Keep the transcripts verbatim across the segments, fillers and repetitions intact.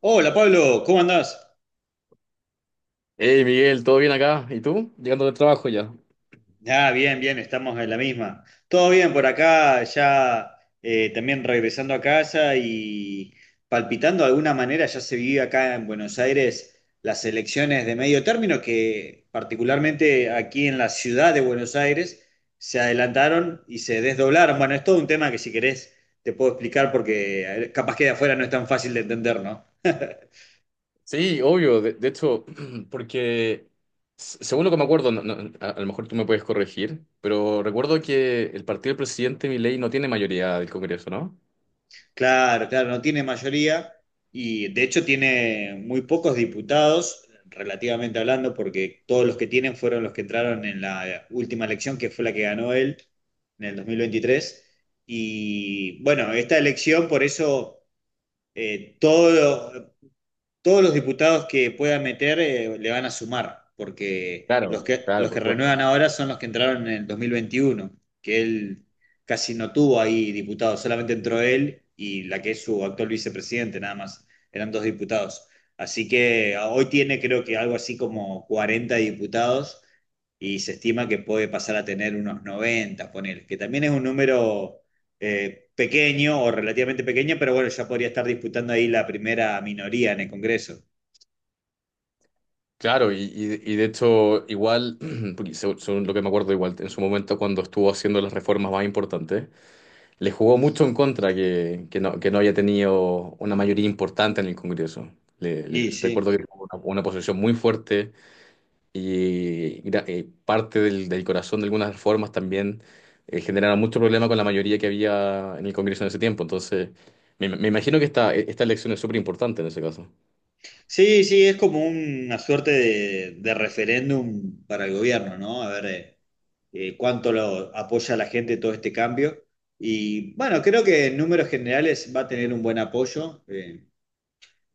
Hola Pablo, ¿cómo andás? Hey Miguel, ¿todo bien acá? ¿Y tú? Llegando del trabajo ya. Ah, bien, bien, estamos en la misma. Todo bien por acá, ya eh, también regresando a casa y palpitando de alguna manera, ya se vive acá en Buenos Aires las elecciones de medio término que particularmente aquí en la ciudad de Buenos Aires se adelantaron y se desdoblaron. Bueno, es todo un tema que si querés te puedo explicar porque eh, capaz que de afuera no es tan fácil de entender, ¿no? Sí, obvio, de, de hecho, porque s- según lo que me acuerdo, no- no, a, a lo mejor tú me puedes corregir, pero recuerdo que el partido del presidente Milei no tiene mayoría del Congreso, ¿no? Claro, claro, no tiene mayoría y de hecho tiene muy pocos diputados, relativamente hablando, porque todos los que tienen fueron los que entraron en la última elección, que fue la que ganó él en el dos mil veintitrés. Y bueno, esta elección, por eso, eh, todo, todos los diputados que pueda meter eh, le van a sumar, porque los Claro, que, claro, los por que supuesto. renuevan ahora son los que entraron en el dos mil veintiuno, que él casi no tuvo ahí diputados, solamente entró él y la que es su actual vicepresidente, nada más, eran dos diputados. Así que ah, hoy tiene creo que algo así como cuarenta diputados y se estima que puede pasar a tener unos noventa, poner, que también es un número eh, pequeño o relativamente pequeño, pero bueno, ya podría estar disputando ahí la primera minoría en el Congreso. Claro, y, y- y de hecho, igual, porque se- según lo que me acuerdo, igual en su momento cuando estuvo haciendo las reformas más importantes. Le jugó mucho en contra que, que no, que no haya tenido una mayoría importante en el Congreso. Le, le- Y sí, Recuerdo que tuvo una, una posición muy fuerte y, gra- eh, parte del, del corazón de algunas reformas también eh, generaron mucho problema con la mayoría que había en el Congreso en ese tiempo. Entonces, me, me imagino que esta, esta elección es súper importante en ese caso. sí, sí, es como una suerte de, de referéndum para el gobierno, ¿no? A ver, eh, eh, cuánto lo apoya la gente todo este cambio. Y bueno, creo que en números generales va a tener un buen apoyo. eh,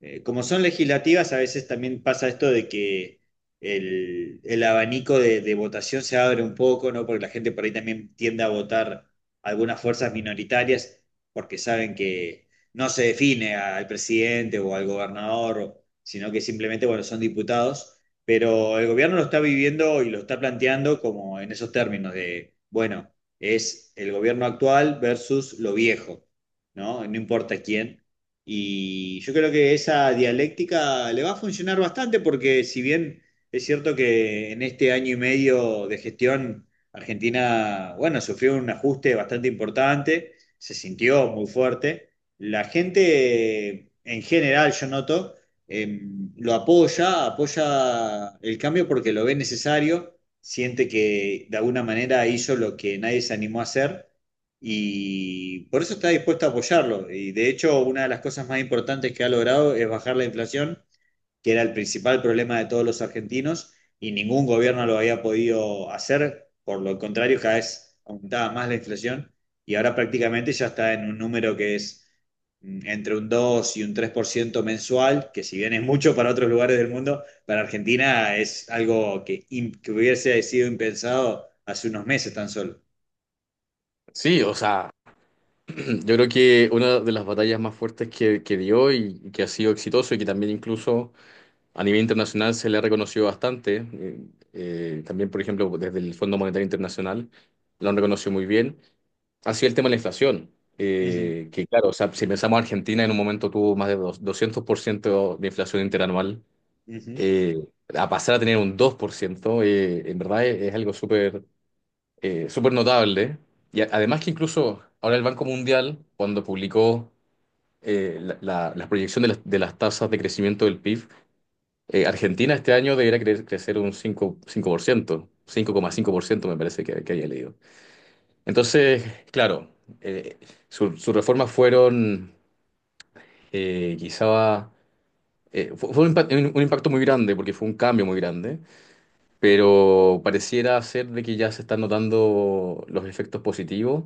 eh, Como son legislativas, a veces también pasa esto de que el, el abanico de, de votación se abre un poco, ¿no? Porque la gente por ahí también tiende a votar algunas fuerzas minoritarias porque saben que no se define al presidente o al gobernador, o sino que simplemente, bueno, son diputados. Pero el gobierno lo está viviendo y lo está planteando como en esos términos de, bueno, es el gobierno actual versus lo viejo, ¿no? No importa quién. Y yo creo que esa dialéctica le va a funcionar bastante porque si bien es cierto que en este año y medio de gestión Argentina, bueno, sufrió un ajuste bastante importante, se sintió muy fuerte, la gente en general, yo noto, eh, lo apoya, apoya el cambio porque lo ve necesario, siente que de alguna manera hizo lo que nadie se animó a hacer y por eso está dispuesto a apoyarlo. Y de hecho, una de las cosas más importantes que ha logrado es bajar la inflación, que era el principal problema de todos los argentinos, y ningún gobierno lo había podido hacer. Por lo contrario, cada vez aumentaba más la inflación y ahora prácticamente ya está en un número que es mm, entre un dos y un tres por ciento mensual, que si bien es mucho para otros lugares del mundo, para Argentina es algo que, im- que hubiese sido impensado hace unos meses tan solo. Sí, o sea, yo creo que una de las batallas más fuertes que, que dio y que ha sido exitoso y que también incluso A nivel internacional se le ha reconocido bastante. Eh, eh, también, por ejemplo, desde el Fondo Monetario Internacional lo han reconocido muy bien. Ha sido el tema de la inflación, Uh -huh, eh, que claro, o sea, si pensamos Argentina, en un momento tuvo más de dos- doscientos por ciento de inflación interanual, uh -huh. eh, a pasar a tener un dos por ciento. Eh, en verdad es, es algo súper eh, súper notable. Y a- además que incluso ahora el Banco Mundial, cuando publicó eh, la, la- la proyección de las, de las tasas de crecimiento del P I B, eh, Argentina este año debería cre- crecer un cinco cinco cinco por ciento cinco coma cinco por ciento, me parece que, que había leído. Entonces, claro, eh, su- sus reformas fueron eh, quizá... eh, fue fue un, impact- un- un impacto muy grande porque fue un cambio muy grande, pero pareciera ser de que ya se están notando los efectos positivos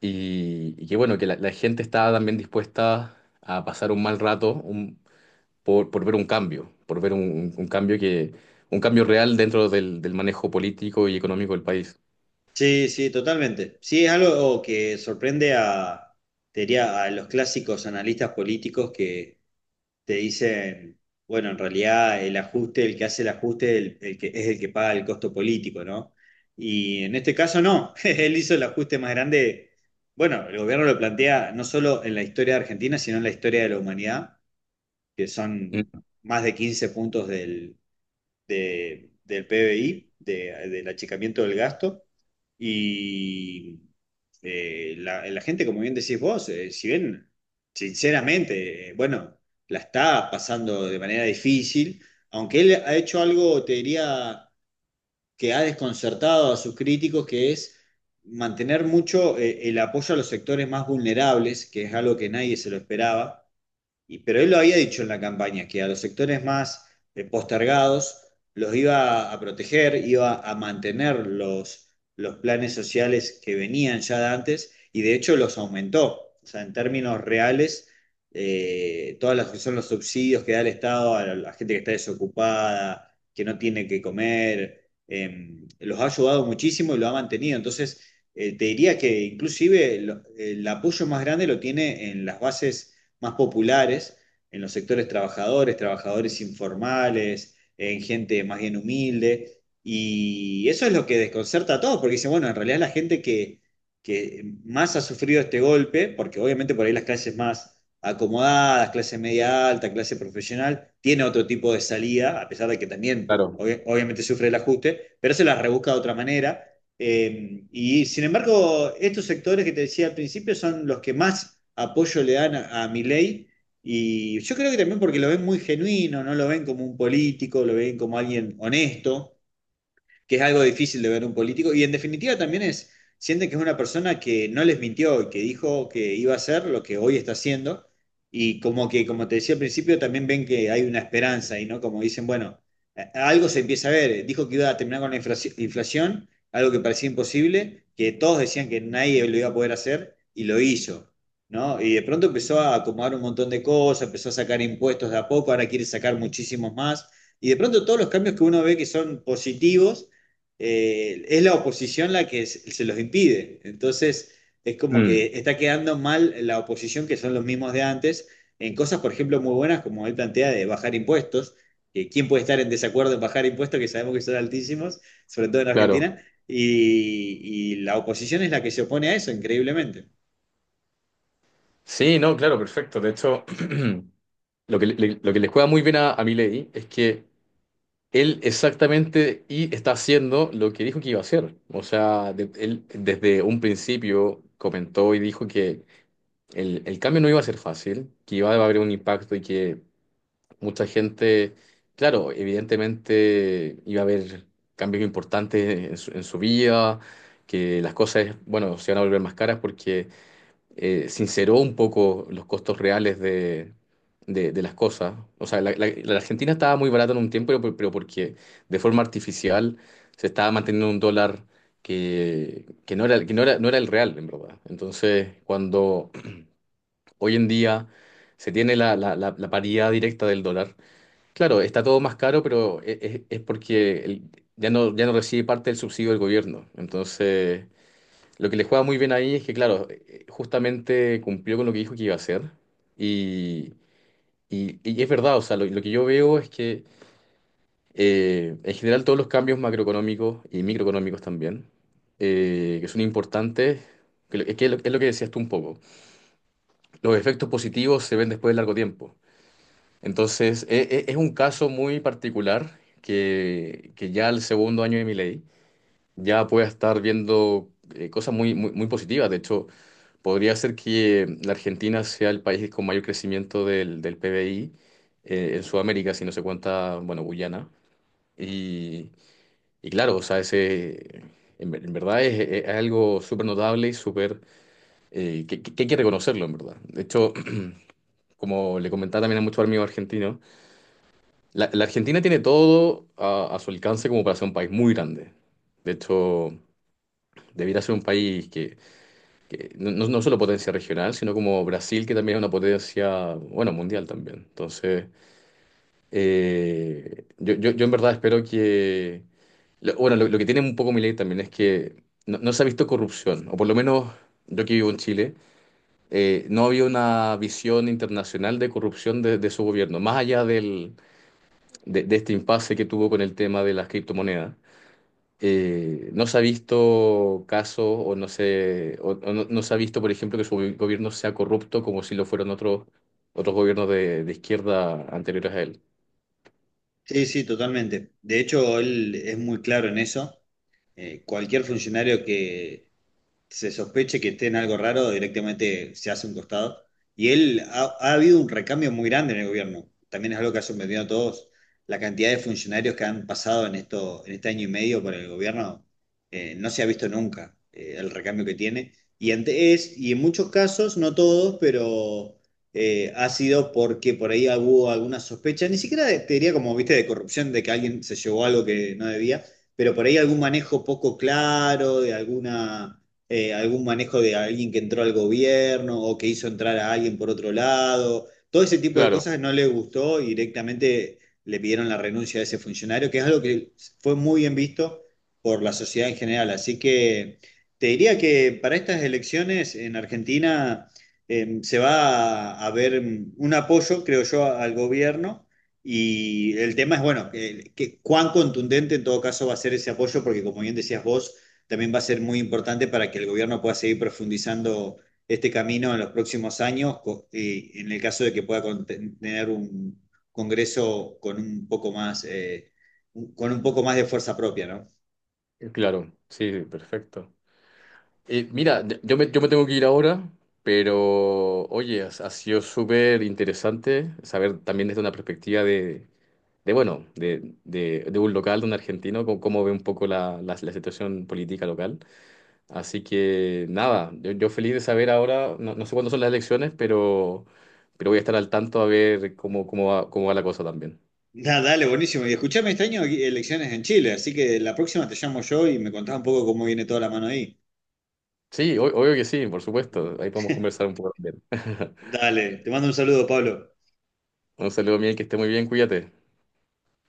y, y que bueno, que la, la gente está también dispuesta a pasar un mal rato, por, por ver un cambio, por ver un, un cambio que, un cambio real dentro del, del manejo político y económico del país. Sí, sí, totalmente. Sí, es algo que sorprende a, te diría, a los clásicos analistas políticos que te dicen, bueno, en realidad el ajuste, el que hace el ajuste, el, el que, es el que paga el costo político, ¿no? Y en este caso no, él hizo el ajuste más grande, bueno, el gobierno lo plantea no solo en la historia de Argentina, sino en la historia de la humanidad, que son Mm. más de quince puntos de- del P B I, de- del achicamiento del gasto. Y eh, la, la gente, como bien decís vos, eh, si bien, sinceramente, eh, bueno, la está pasando de manera difícil, aunque él ha hecho algo, te diría, que ha desconcertado a sus críticos, que es mantener mucho eh, el apoyo a los sectores más vulnerables, que es algo que nadie se lo esperaba. Y pero él lo había dicho en la campaña, que a los sectores más eh, postergados los iba a proteger, iba a mantener los, los planes sociales que venían ya de antes y de hecho los aumentó. O sea, en términos reales, eh, todas las que son los subsidios que da el Estado a la gente que está desocupada, que no tiene que comer, em, los ha ayudado muchísimo y lo ha mantenido. Entonces, eh, te diría que inclusive lo- el apoyo más grande lo tiene en las bases más populares en los sectores trabajadores, trabajadores informales, en gente más bien humilde. Y eso es lo que desconcerta a todos, porque dicen, bueno, en realidad la gente que, que más ha sufrido este golpe, porque obviamente por ahí las clases más acomodadas, clase media alta, clase profesional, tiene otro tipo de salida, a pesar de que también Claro. obvi- obviamente sufre el ajuste, pero se la rebusca de otra manera. Eh, y sin embargo, estos sectores que te decía al principio son los que más apoyo le dan a, a Milei. Y yo creo que también porque lo ven muy genuino, no lo ven como un político, lo ven como alguien honesto que es algo difícil de ver un político. Y en definitiva también es, sienten que es una persona que no les mintió y que dijo que iba a hacer lo que hoy está haciendo. Y como que, como te decía al principio, también ven que hay una esperanza y no como dicen, bueno, eh, algo se empieza a ver. Dijo que iba a terminar con la inflación, algo que parecía imposible, que todos decían que nadie lo iba a poder hacer y lo hizo. ¿No? Y de pronto empezó a acomodar un montón de cosas, empezó a sacar impuestos de a poco, ahora quiere sacar muchísimos más. Y de pronto todos los cambios que uno ve que son positivos, eh, es la oposición la que se se los impide. Entonces, es como que Mm, está quedando mal la oposición, que son los mismos de antes, en cosas, por ejemplo, muy buenas, como él plantea, de bajar impuestos. Que ¿Quién puede estar en desacuerdo en bajar impuestos, que sabemos que son altísimos, sobre todo en claro. Argentina? Y, y la oposición es la que se opone a eso, increíblemente. Sí, no, claro, perfecto. De hecho, lo que, le- lo que les juega muy bien a, a Milei es que él exactamente y está haciendo lo que dijo que iba a hacer. O sea, de- él desde un principio comentó y dijo que el, el cambio no iba a ser fácil, que iba a haber un impacto y que Mucha gente, claro, evidentemente iba a haber cambios importantes en su, en su vida, que las cosas, bueno, se van a volver más caras porque eh, sinceró un poco los costos reales de, de- de las cosas. O sea, la, la- la Argentina estaba muy barata en un tiempo, pero, pero porque de forma artificial se estaba manteniendo un dólar que, que no era, que no era, no era el real, en verdad. Entonces, cuando hoy en día se tiene la, la, la la paridad directa del dólar. Claro, está todo más caro, pero e- e- es, porque el- ya no, ya no recibe parte del subsidio del gobierno. Entonces, lo que le juega muy bien ahí es que, claro, eh, justamente cumplió con lo que dijo que iba a hacer. Y, y- y es verdad, o sea, lo, lo que yo veo es que eh, en general todos los cambios macroeconómicos y microeconómicos también, eh, que son importantes, que, lo- es que es lo es lo que decías tú un poco, los efectos positivos se ven después de largo tiempo. Entonces, e- e- es un caso muy particular que, que ya al segundo año de mi ley ya pueda estar viendo eh, cosas muy, muy, muy positivas. De hecho, podría ser que la Argentina sea el país con mayor crecimiento del, del P B I eh, en Sudamérica, si no se cuenta, bueno, Guyana. Y, y claro, o sea, ese, en, ver- en verdad es, es- es algo súper notable y súper, eh, que, que- que hay que reconocerlo, en verdad. De hecho, como le comentaba también a muchos amigos argentinos, La, la Argentina tiene todo a, a su alcance como para ser un país muy grande. De hecho, debiera ser un país que, que no, no- no solo potencia regional, sino como Brasil, que también es una potencia, bueno, mundial también. Entonces, eh, yo, yo, yo en verdad espero que... lo- bueno, lo, lo que tiene un poco mi ley también es que no, no se ha visto corrupción, o por lo menos yo que vivo en Chile, eh, no había una visión internacional de corrupción de, de su gobierno, más allá del de, de este impasse que tuvo con el tema de las criptomonedas. Eh, no se ha visto casos o no se, o- o no, no se ha visto, por ejemplo, que su gobi- gobierno sea corrupto como si lo fueron otros, otros gobiernos de, de izquierda anteriores a él. Sí, sí, totalmente. De hecho, él es muy claro en eso. Eh, cualquier funcionario que se sospeche que esté en algo raro, directamente se hace un costado. Y él ha, ha habido un recambio muy grande en el gobierno. También es algo que ha sorprendido a todos. La cantidad de funcionarios que han pasado en esto, en este año y medio por el gobierno, eh, no se ha visto nunca eh, el recambio que tiene. Y ante- es, y en muchos casos, no todos, pero eh, ha sido porque por ahí hubo alguna sospecha, ni siquiera de- te diría como, viste, de corrupción, de que alguien se llevó algo que no debía, pero por ahí algún manejo poco claro, de alguna eh, algún manejo de alguien que entró al gobierno o que hizo entrar a alguien por otro lado. Todo ese tipo de Claro, cosas no le gustó y directamente le pidieron la renuncia de ese funcionario, que es algo que fue muy bien visto por la sociedad en general. Así que te diría que para estas elecciones en Argentina eh, se va a a ver un apoyo, creo yo, al gobierno. Y el tema es, bueno, que, que cuán contundente en todo caso va a ser ese apoyo, porque como bien decías vos, también va a ser muy importante para que el gobierno pueda seguir profundizando este camino en los próximos años, y en el caso de que pueda tener un Congreso con un poco más, eh, con un poco más de fuerza propia, ¿no? eh, claro, sí, perfecto. Eh, mira, de- yo me, yo me tengo que ir ahora, pero oye, ha, ha sido súper interesante saber también desde una perspectiva de, de bueno, de, de, de un local, de un argentino, cómo, cómo ve un poco la, la la situación política local. Así que nada, yo, yo feliz de saber ahora, no, no sé cuándo son las elecciones, pero, pero voy a estar al tanto a ver cómo, cómo va, cómo va la cosa también. Nah, dale, buenísimo. Y escuchame, este año hay elecciones en Chile, así que la próxima te llamo yo y me contás un poco cómo viene toda la mano ahí. Sí, o- obvio que sí, por supuesto, ahí podemos conversar un poco también. Dale, te mando un saludo, Pablo. Un saludo, Miguel, que esté muy bien, cuídate.